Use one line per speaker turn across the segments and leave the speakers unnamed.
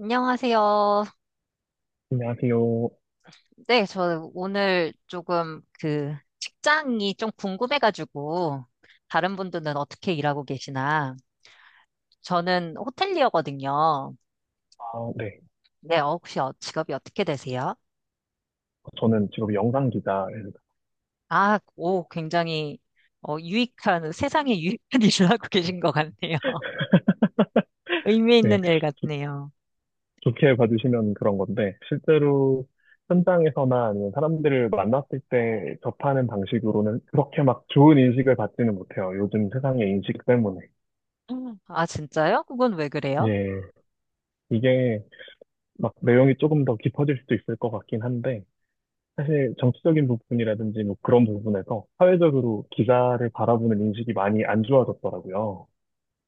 안녕하세요.
안녕하세요.
네, 저 오늘 조금 그 직장이 좀 궁금해가지고 다른 분들은 어떻게 일하고 계시나? 저는 호텔리어거든요.
아, 네.
네, 혹시 직업이 어떻게 되세요?
저는 직업이 영상 기자입니다.
아, 오, 굉장히 유익한, 세상에 유익한 일을 하고 계신 것 같네요. 의미
네.
있는 일 같네요.
좋게 봐주시면 그런 건데, 실제로 현장에서나 아니면 사람들을 만났을 때 접하는 방식으로는 그렇게 막 좋은 인식을 받지는 못해요. 요즘 세상의 인식 때문에.
음. 아, 진짜요? 그건 왜 그래요?
예. 이게 막 내용이 조금 더 깊어질 수도 있을 것 같긴 한데, 사실 정치적인 부분이라든지 뭐 그런 부분에서 사회적으로 기자를 바라보는 인식이 많이 안 좋아졌더라고요.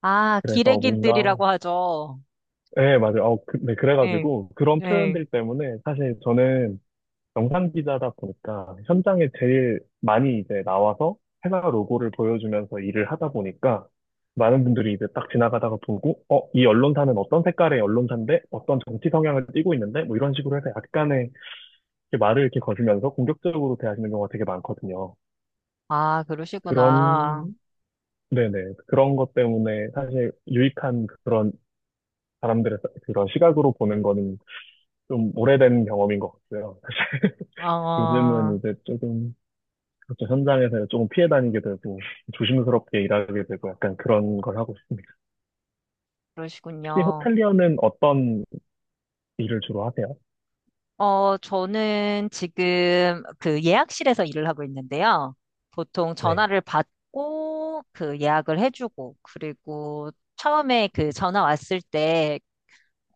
아,
그래서 뭔가
기레기들이라고 하죠.
네, 맞아요. 네,
네,
그래가지고 그런
네.
표현들 때문에 사실 저는 영상 기자다 보니까 현장에 제일 많이 이제 나와서 회사 로고를 보여주면서 일을 하다 보니까 많은 분들이 이제 딱 지나가다가 보고, 어, 이 언론사는 어떤 색깔의 언론사인데 어떤 정치 성향을 띠고 있는데 뭐 이런 식으로 해서 약간의 이렇게 말을 이렇게 거주면서 공격적으로 대하시는 경우가 되게 많거든요.
아, 그러시구나.
그런, 네네. 그런 것 때문에 사실 유익한 그런 사람들의 그런 시각으로 보는 거는 좀 오래된 경험인 것 같고요.
아,
요즘은 이제 조금 그렇죠. 현장에서 조금 피해 다니게 되고 조심스럽게 일하게 되고 약간 그런 걸 하고 있습니다. 혹시
그러시군요.
호텔리어는 어떤 일을 주로 하세요?
저는 지금 그 예약실에서 일을 하고 있는데요. 보통
네.
전화를 받고 그 예약을 해주고, 그리고 처음에 그 전화 왔을 때,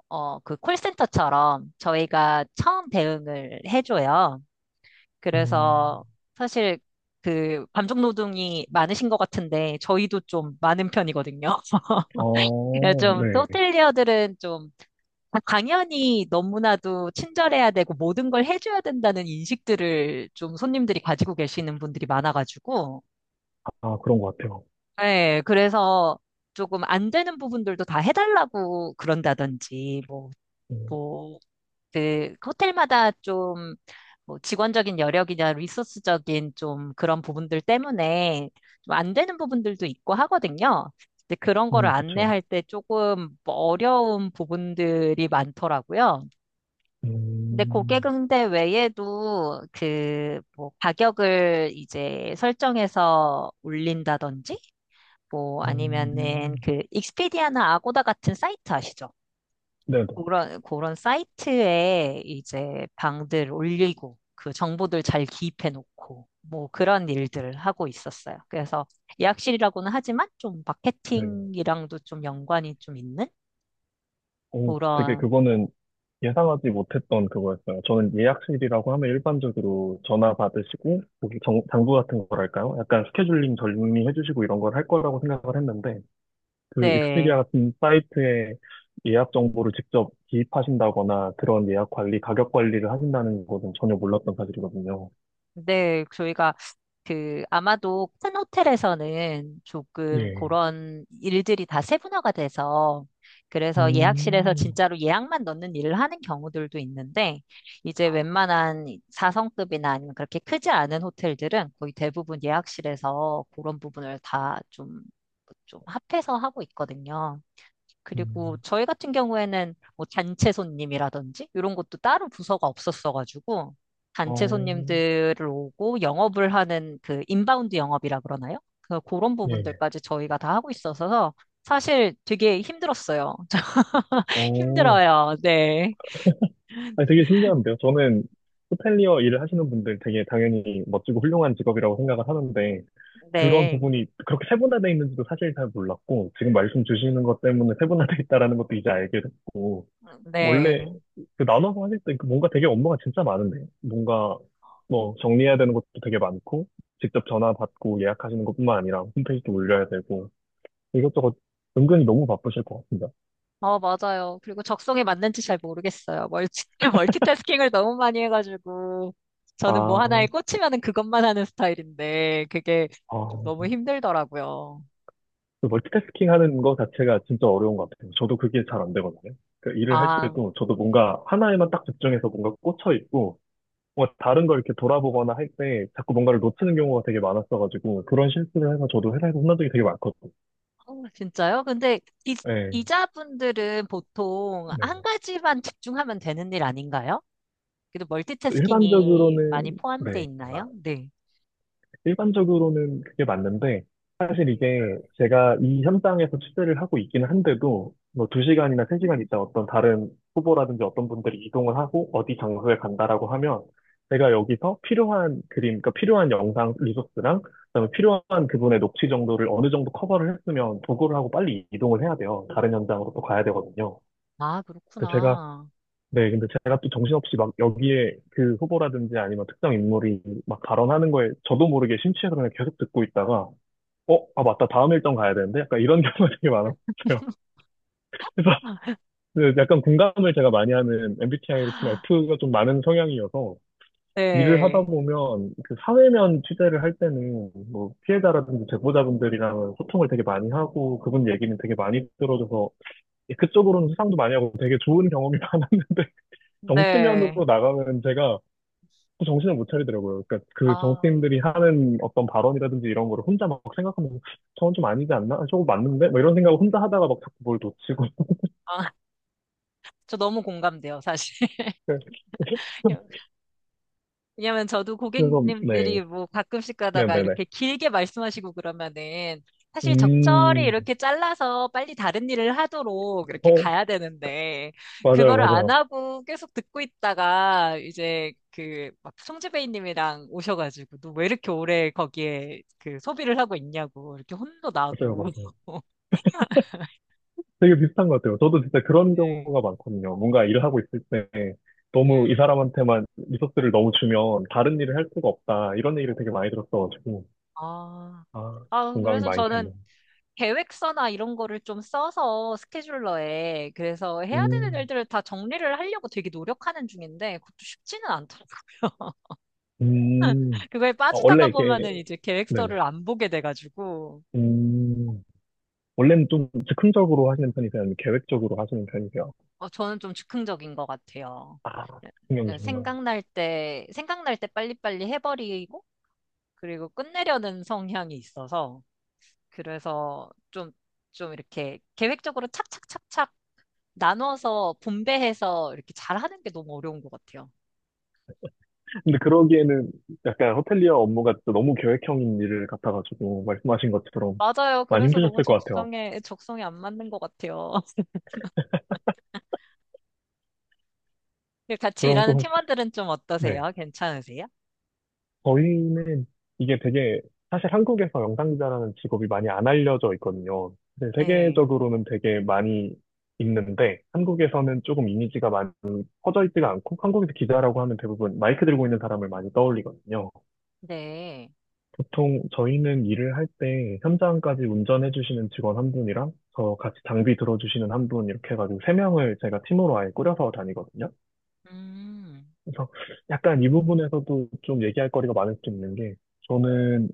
그 콜센터처럼 저희가 처음 대응을 해줘요.
음,
그래서 사실 그 감정노동이 많으신 것 같은데, 저희도 좀 많은 편이거든요.
어,
좀,
네.
호텔리어들은 좀 당연히 너무나도 친절해야 되고 모든 걸 해줘야 된다는 인식들을 좀 손님들이 가지고 계시는 분들이 많아가지고,
아, 그런 것 같아요.
네 그래서 조금 안 되는 부분들도 다 해달라고 그런다든지, 뭐,
음,
뭐, 그, 호텔마다 좀, 뭐, 직원적인 여력이나 리소스적인 좀 그런 부분들 때문에 좀 안 되는 부분들도 있고 하거든요. 근데 그런 거를
그쵸.
안내할 때 조금 어려운 부분들이 많더라고요. 근데
음,
고객응대 외에도 그 뭐 가격을 이제 설정해서 올린다든지 뭐 아니면은
음,
그 익스피디아나 아고다 같은 사이트 아시죠?
네네.
그런 사이트에 이제 방들 올리고 그 정보들 잘 기입해 놓고 뭐 그런 일들을 하고 있었어요. 그래서 예약실이라고는 하지만 좀
네.
마케팅이랑도 좀 연관이 좀 있는
오, 되게
그런.
그거는 예상하지 못했던 그거였어요. 저는 예약실이라고 하면 일반적으로 전화 받으시고, 거기 장부 같은 거랄까요? 약간 스케줄링 정리해 주시고 이런 걸 할 거라고 생각을 했는데, 그 익스피디아
네.
같은 사이트에 예약 정보를 직접 기입하신다거나 그런 예약 관리, 가격 관리를 하신다는 것은 전혀 몰랐던 사실이거든요.
네, 저희가 그 아마도 큰 호텔에서는 조금
네.
그런 일들이 다 세분화가 돼서 그래서 예약실에서
음,
진짜로 예약만 넣는 일을 하는 경우들도 있는데 이제 웬만한 4성급이나 아니면 그렇게 크지 않은 호텔들은 거의 대부분 예약실에서 그런 부분을 다 좀 합해서 하고 있거든요. 그리고
음,
저희 같은 경우에는 뭐 단체 손님이라든지 이런 것도 따로 부서가 없었어가지고 단체
어,
손님들을 오고 영업을 하는 그 인바운드 영업이라 그러나요? 그런
네.
부분들까지 저희가 다 하고 있어서 사실 되게 힘들었어요.
어,
힘들어요. 네.
아니, 되게 신기한데요. 저는 호텔리어 일을 하시는 분들 되게 당연히 멋지고 훌륭한 직업이라고 생각을 하는데 그런
네.
부분이 그렇게 세분화돼 있는지도 사실 잘 몰랐고 지금 말씀 주시는 것 때문에 세분화돼 있다라는 것도 이제 알게 됐고 원래
네.
그 나눠서 하실 때그 뭔가 되게 업무가 진짜 많은데 뭔가 뭐 정리해야 되는 것도 되게 많고 직접 전화 받고 예약하시는 것뿐만 아니라 홈페이지도 올려야 되고 이것저것 은근히 너무 바쁘실 것 같습니다.
어, 맞아요. 그리고 적성에 맞는지 잘 모르겠어요. 멀티태스킹을 너무 많이 해가지고 저는 뭐 하나에
아,
꽂히면은 그것만 하는 스타일인데 그게 좀 너무
아.
힘들더라고요.
그 멀티태스킹 하는 거 자체가 진짜 어려운 것 같아요. 저도 그게 잘 안 되거든요. 그 일을 할
아.
때도 저도 뭔가 하나에만 딱 집중해서 뭔가 꽂혀 있고, 뭔가 다른 걸 이렇게 돌아보거나 할 때 자꾸 뭔가를 놓치는 경우가 되게 많았어가지고, 그런 실수를 해서 저도 회사에서 혼난 적이 되게 많거든요.
어, 진짜요? 근데 이,
네,
이자분들은 보통 한
네.
가지만 집중하면 되는 일 아닌가요? 그래도 멀티태스킹이
일반적으로는,
많이 포함돼
네.
있나요? 네.
일반적으로는 그게 맞는데, 사실 이게 제가 이 현장에서 취재를 하고 있기는 한데도, 뭐 2시간이나 3시간 있다 어떤 다른 후보라든지 어떤 분들이 이동을 하고 어디 장소에 간다라고 하면, 제가 여기서 필요한 그림, 그러니까 필요한 영상 리소스랑, 그다음에 필요한 그분의 녹취 정도를 어느 정도 커버를 했으면 도구를 하고 빨리 이동을 해야 돼요. 다른 현장으로 또 가야 되거든요.
아,
근데 제가
그렇구나.
네, 근데 제가 또 정신없이 막 여기에 그 후보라든지 아니면 특정 인물이 막 발언하는 거에 저도 모르게 심취해서 그냥 계속 듣고 있다가, 어, 아, 맞다. 다음 일정 가야 되는데? 약간 이런 경우가 되게 많았어요. 그래서 그 약간 공감을 제가 많이 하는 MBTI로 치면 F가 좀 많은 성향이어서 일을 하다
네.
보면 그 사회면 취재를 할 때는 뭐 피해자라든지 제보자분들이랑 소통을 되게 많이 하고 그분 얘기는 되게 많이 들어줘서 예, 그쪽으로는 수상도 많이 하고 되게 좋은 경험이 많았는데 정치면으로
네.
나가면 제가 또 정신을 못 차리더라고요. 그러니까 그
아,
정치인들이 하는 어떤 발언이라든지 이런 거를 혼자 막 생각하면서 저건 좀 아니지 않나? 아, 저거 맞는데? 막 이런 생각을 혼자 하다가 막 자꾸 뭘 놓치고.
아, 저 너무 공감돼요, 사실. 왜냐면 저도
그래서 네,
고객님들이 뭐 가끔씩
네,
가다가
네, 네.
이렇게 길게 말씀하시고 그러면은 사실 적절히
음,
이렇게 잘라서 빨리 다른 일을 하도록 이렇게
어,
가야 되는데
맞아요,
그거를 안
맞아요,
하고 계속 듣고 있다가 이제 그 막 송지배이님이랑 오셔가지고 너 왜 이렇게 오래 거기에 그 소비를 하고 있냐고 이렇게 혼도
맞아요,
나고.
맞아요. 되게 비슷한 것 같아요. 저도 진짜 그런
네.
경우가 많거든요. 뭔가 일을 하고 있을 때
네.
너무 이 사람한테만 리소스를 너무 주면 다른 일을 할 수가 없다 이런 얘기를 되게 많이 들었어가지고
아,
아, 공감이
그래서
많이
저는
되는.
계획서나 이런 거를 좀 써서 스케줄러에 그래서 해야 되는
음,
일들을 다 정리를 하려고 되게 노력하는 중인데 그것도 쉽지는 않더라고요.
음.
그거에
아,
빠지다가
원래 이게
보면은 이제
네네.
계획서를 안 보게 돼가지고.
음, 원래는 좀 즉흥적으로 하시는 편이세요? 아니면 계획적으로 하시는 편이세요?
어, 저는 좀 즉흥적인 것 같아요.
아,
네,
즉흥형이시구나.
생각날 때 생각날 때 빨리빨리 해버리고 그리고 끝내려는 성향이 있어서 그래서 좀 이렇게 계획적으로 착착착착 나눠서 분배해서 이렇게 잘하는 게 너무 어려운 것 같아요.
근데 그러기에는 약간 호텔리어 업무가 또 너무 계획형인 일 같아가지고 말씀하신 것처럼
맞아요.
많이
그래서 너무
힘드셨을 것 같아요.
적성에 안 맞는 것 같아요. 같이
그럼
일하는
또,
팀원들은 좀
네.
어떠세요? 괜찮으세요?
저희는 이게 되게 사실 한국에서 영상기자라는 직업이 많이 안 알려져 있거든요. 네,
네.
세계적으로는 되게 많이 있는데 한국에서는 조금 이미지가 많이 퍼져 있지가 않고 한국에서 기자라고 하면 대부분 마이크 들고 있는 사람을 많이 떠올리거든요.
네.
보통 저희는 일을 할 때 현장까지 운전해 주시는 직원 한 분이랑 저 같이 장비 들어주시는 한 분 이렇게 해가지고 3명을 제가 팀으로 아예 꾸려서 다니거든요.
음.
그래서 약간 이 부분에서도 좀 얘기할 거리가 많을 수 있는 게 저는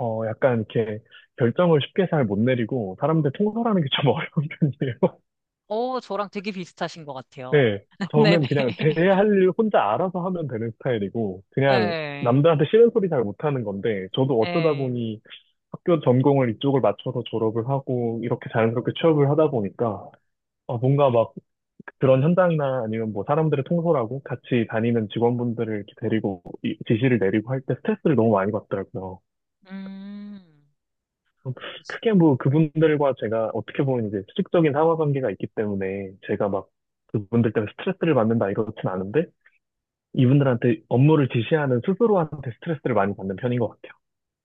어 약간 이렇게 결정을 쉽게 잘 못 내리고 사람들 통솔하는 게 좀 어려운 편이에요.
오, 저랑 되게 비슷하신 것 같아요.
네, 저는
네네.
그냥 제 할 일 혼자 알아서 하면 되는 스타일이고, 그냥
네.
남들한테 싫은 소리 잘 못하는 건데, 저도 어쩌다
네.
보니 학교 전공을 이쪽을 맞춰서 졸업을 하고, 이렇게 자연스럽게 취업을 하다 보니까, 어, 뭔가 막 그런 현장이나 아니면 뭐 사람들을 통솔하고 같이 다니는 직원분들을 이렇게 데리고, 지시를 내리고 할 때 스트레스를 너무 많이 받더라고요.
음.
어, 크게 뭐 그분들과 제가 어떻게 보면 이제 수직적인 상하 관계가 있기 때문에 제가 막 그분들 때문에 스트레스를 받는다 이렇진 않은데, 이분들한테 업무를 지시하는 스스로한테 스트레스를 많이 받는 편인 것 같아요.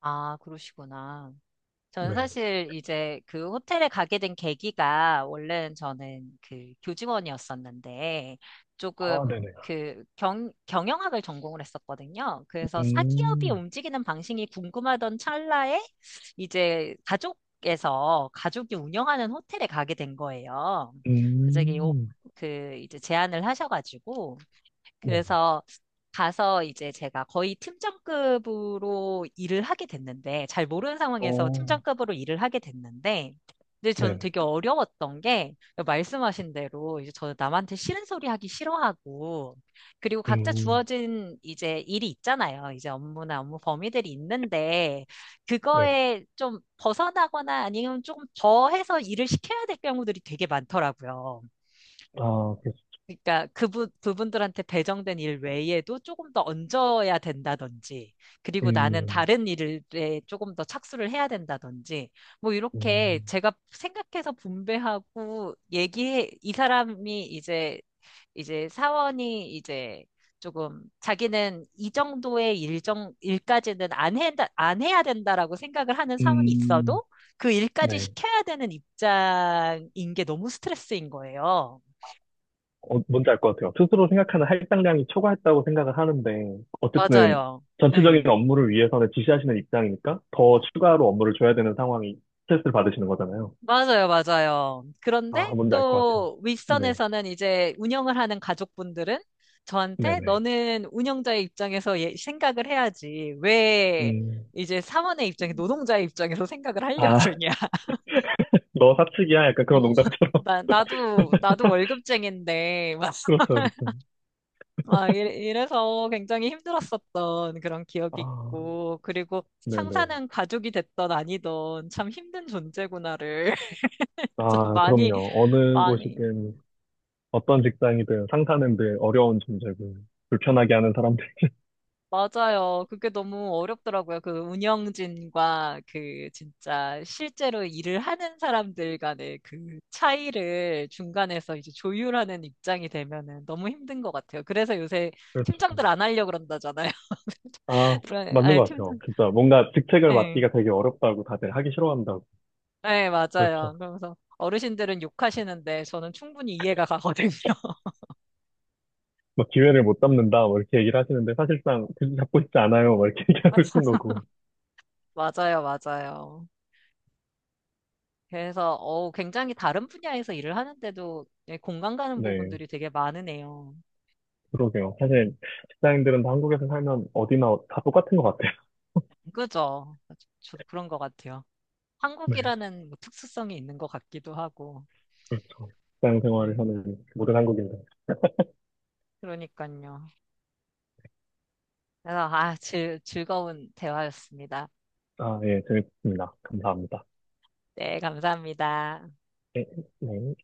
아, 그러시구나. 저는
네.
사실 이제 그 호텔에 가게 된 계기가 원래는 저는 그 교직원이었었는데
아,
조금
네네.
경영학을 전공을 했었거든요. 그래서 사기업이
음,
움직이는 방식이 궁금하던 찰나에 이제 가족에서 가족이 운영하는 호텔에 가게 된 거예요. 갑자기 오-
음,
그 이제 제안을 하셔가지고
네.
그래서 가서 이제 제가 거의 팀장급으로 일을 하게 됐는데, 잘 모르는 상황에서
어,
팀장급으로 일을 하게 됐는데, 근데 저는
네네.
되게 어려웠던 게, 말씀하신 대로 이제 저는 남한테 싫은 소리 하기 싫어하고, 그리고 각자
음,
주어진 이제 일이 있잖아요. 이제 업무나 업무 범위들이 있는데,
네네.
그거에 좀 벗어나거나 아니면 조금 더해서 일을 시켜야 될 경우들이 되게 많더라고요.
아, 그래서,
그러니까 그분 부분들한테 배정된 일 외에도 조금 더 얹어야 된다든지, 그리고 나는
음,
다른 일에 조금 더 착수를 해야 된다든지, 뭐 이렇게
음,
제가 생각해서 분배하고 얘기해 이 사람이 이제 이제 사원이 이제 조금 자기는 이 정도의 일정 일까지는 안 해야 된다라고 생각을 하는 사원이
음,
있어도 그 일까지
네.
시켜야 되는 입장인 게 너무 스트레스인 거예요.
어, 뭔지 알 것 같아요. 스스로 생각하는 할당량이 초과했다고 생각을 하는데, 어쨌든
맞아요.
전체적인
네.
업무를 위해서는 지시하시는 입장이니까 더 추가로 업무를 줘야 되는 상황이 스트레스를 받으시는 거잖아요.
맞아요, 맞아요.
아,
그런데
뭔지 알 것 같아요.
또
네,
윗선에서는 이제 운영을 하는 가족분들은 저한테
네네.
너는 운영자의 입장에서 생각을 해야지. 왜
음,
이제 사원의 입장에 노동자의 입장에서 생각을 하려고
아,
그러냐.
너 사측이야? 약간 그런 농담처럼.
나도 월급쟁인데,
그렇죠, 그렇죠.
이래서 굉장히 힘들었었던 그런 기억이
아,
있고, 그리고
네네.
상사는 가족이 됐던 아니던 참 힘든 존재구나를 진짜
아,
많이,
그럼요. 어느
많이.
곳이든, 어떤 직장이든 상사는들 어려운 존재고, 불편하게 하는 사람들.
맞아요. 그게 너무 어렵더라고요. 그 운영진과 그 진짜 실제로 일을 하는 사람들 간의 그 차이를 중간에서 이제 조율하는 입장이 되면은 너무 힘든 것 같아요. 그래서 요새
그렇죠.
팀장들 안 하려고 그런다잖아요.
아,
그런,
맞는
아니,
것 같아요.
팀장,
진짜 뭔가 직책을
예,
맡기가 되게 어렵다고 다들 하기 싫어한다고.
예, 맞아요.
그렇죠.
그러면서 어르신들은 욕하시는데 저는 충분히 이해가 가거든요.
막 기회를 못 잡는다, 뭐 이렇게 얘기를 하시는데 사실상 그 잡고 싶지 않아요, 뭐 이렇게 얘기하고 있는 거고.
맞아요, 맞아요. 그래서 어, 굉장히 다른 분야에서 일을 하는데도 예, 공감 가는
네,
부분들이 되게 많으네요.
그러게요. 사실 직장인들은 다 한국에서 살면 어디나 다 똑같은 것 같아요.
그죠? 저도 그런 것 같아요.
네.
한국이라는 뭐 특수성이 있는 것 같기도 하고.
그렇죠. 직장 생활을
네,
하는 모든 한국인들.
그러니까요. 그래서 아, 즐거운 대화였습니다.
아, 예, 재밌습니다. 감사합니다.
네, 감사합니다.
네. 네.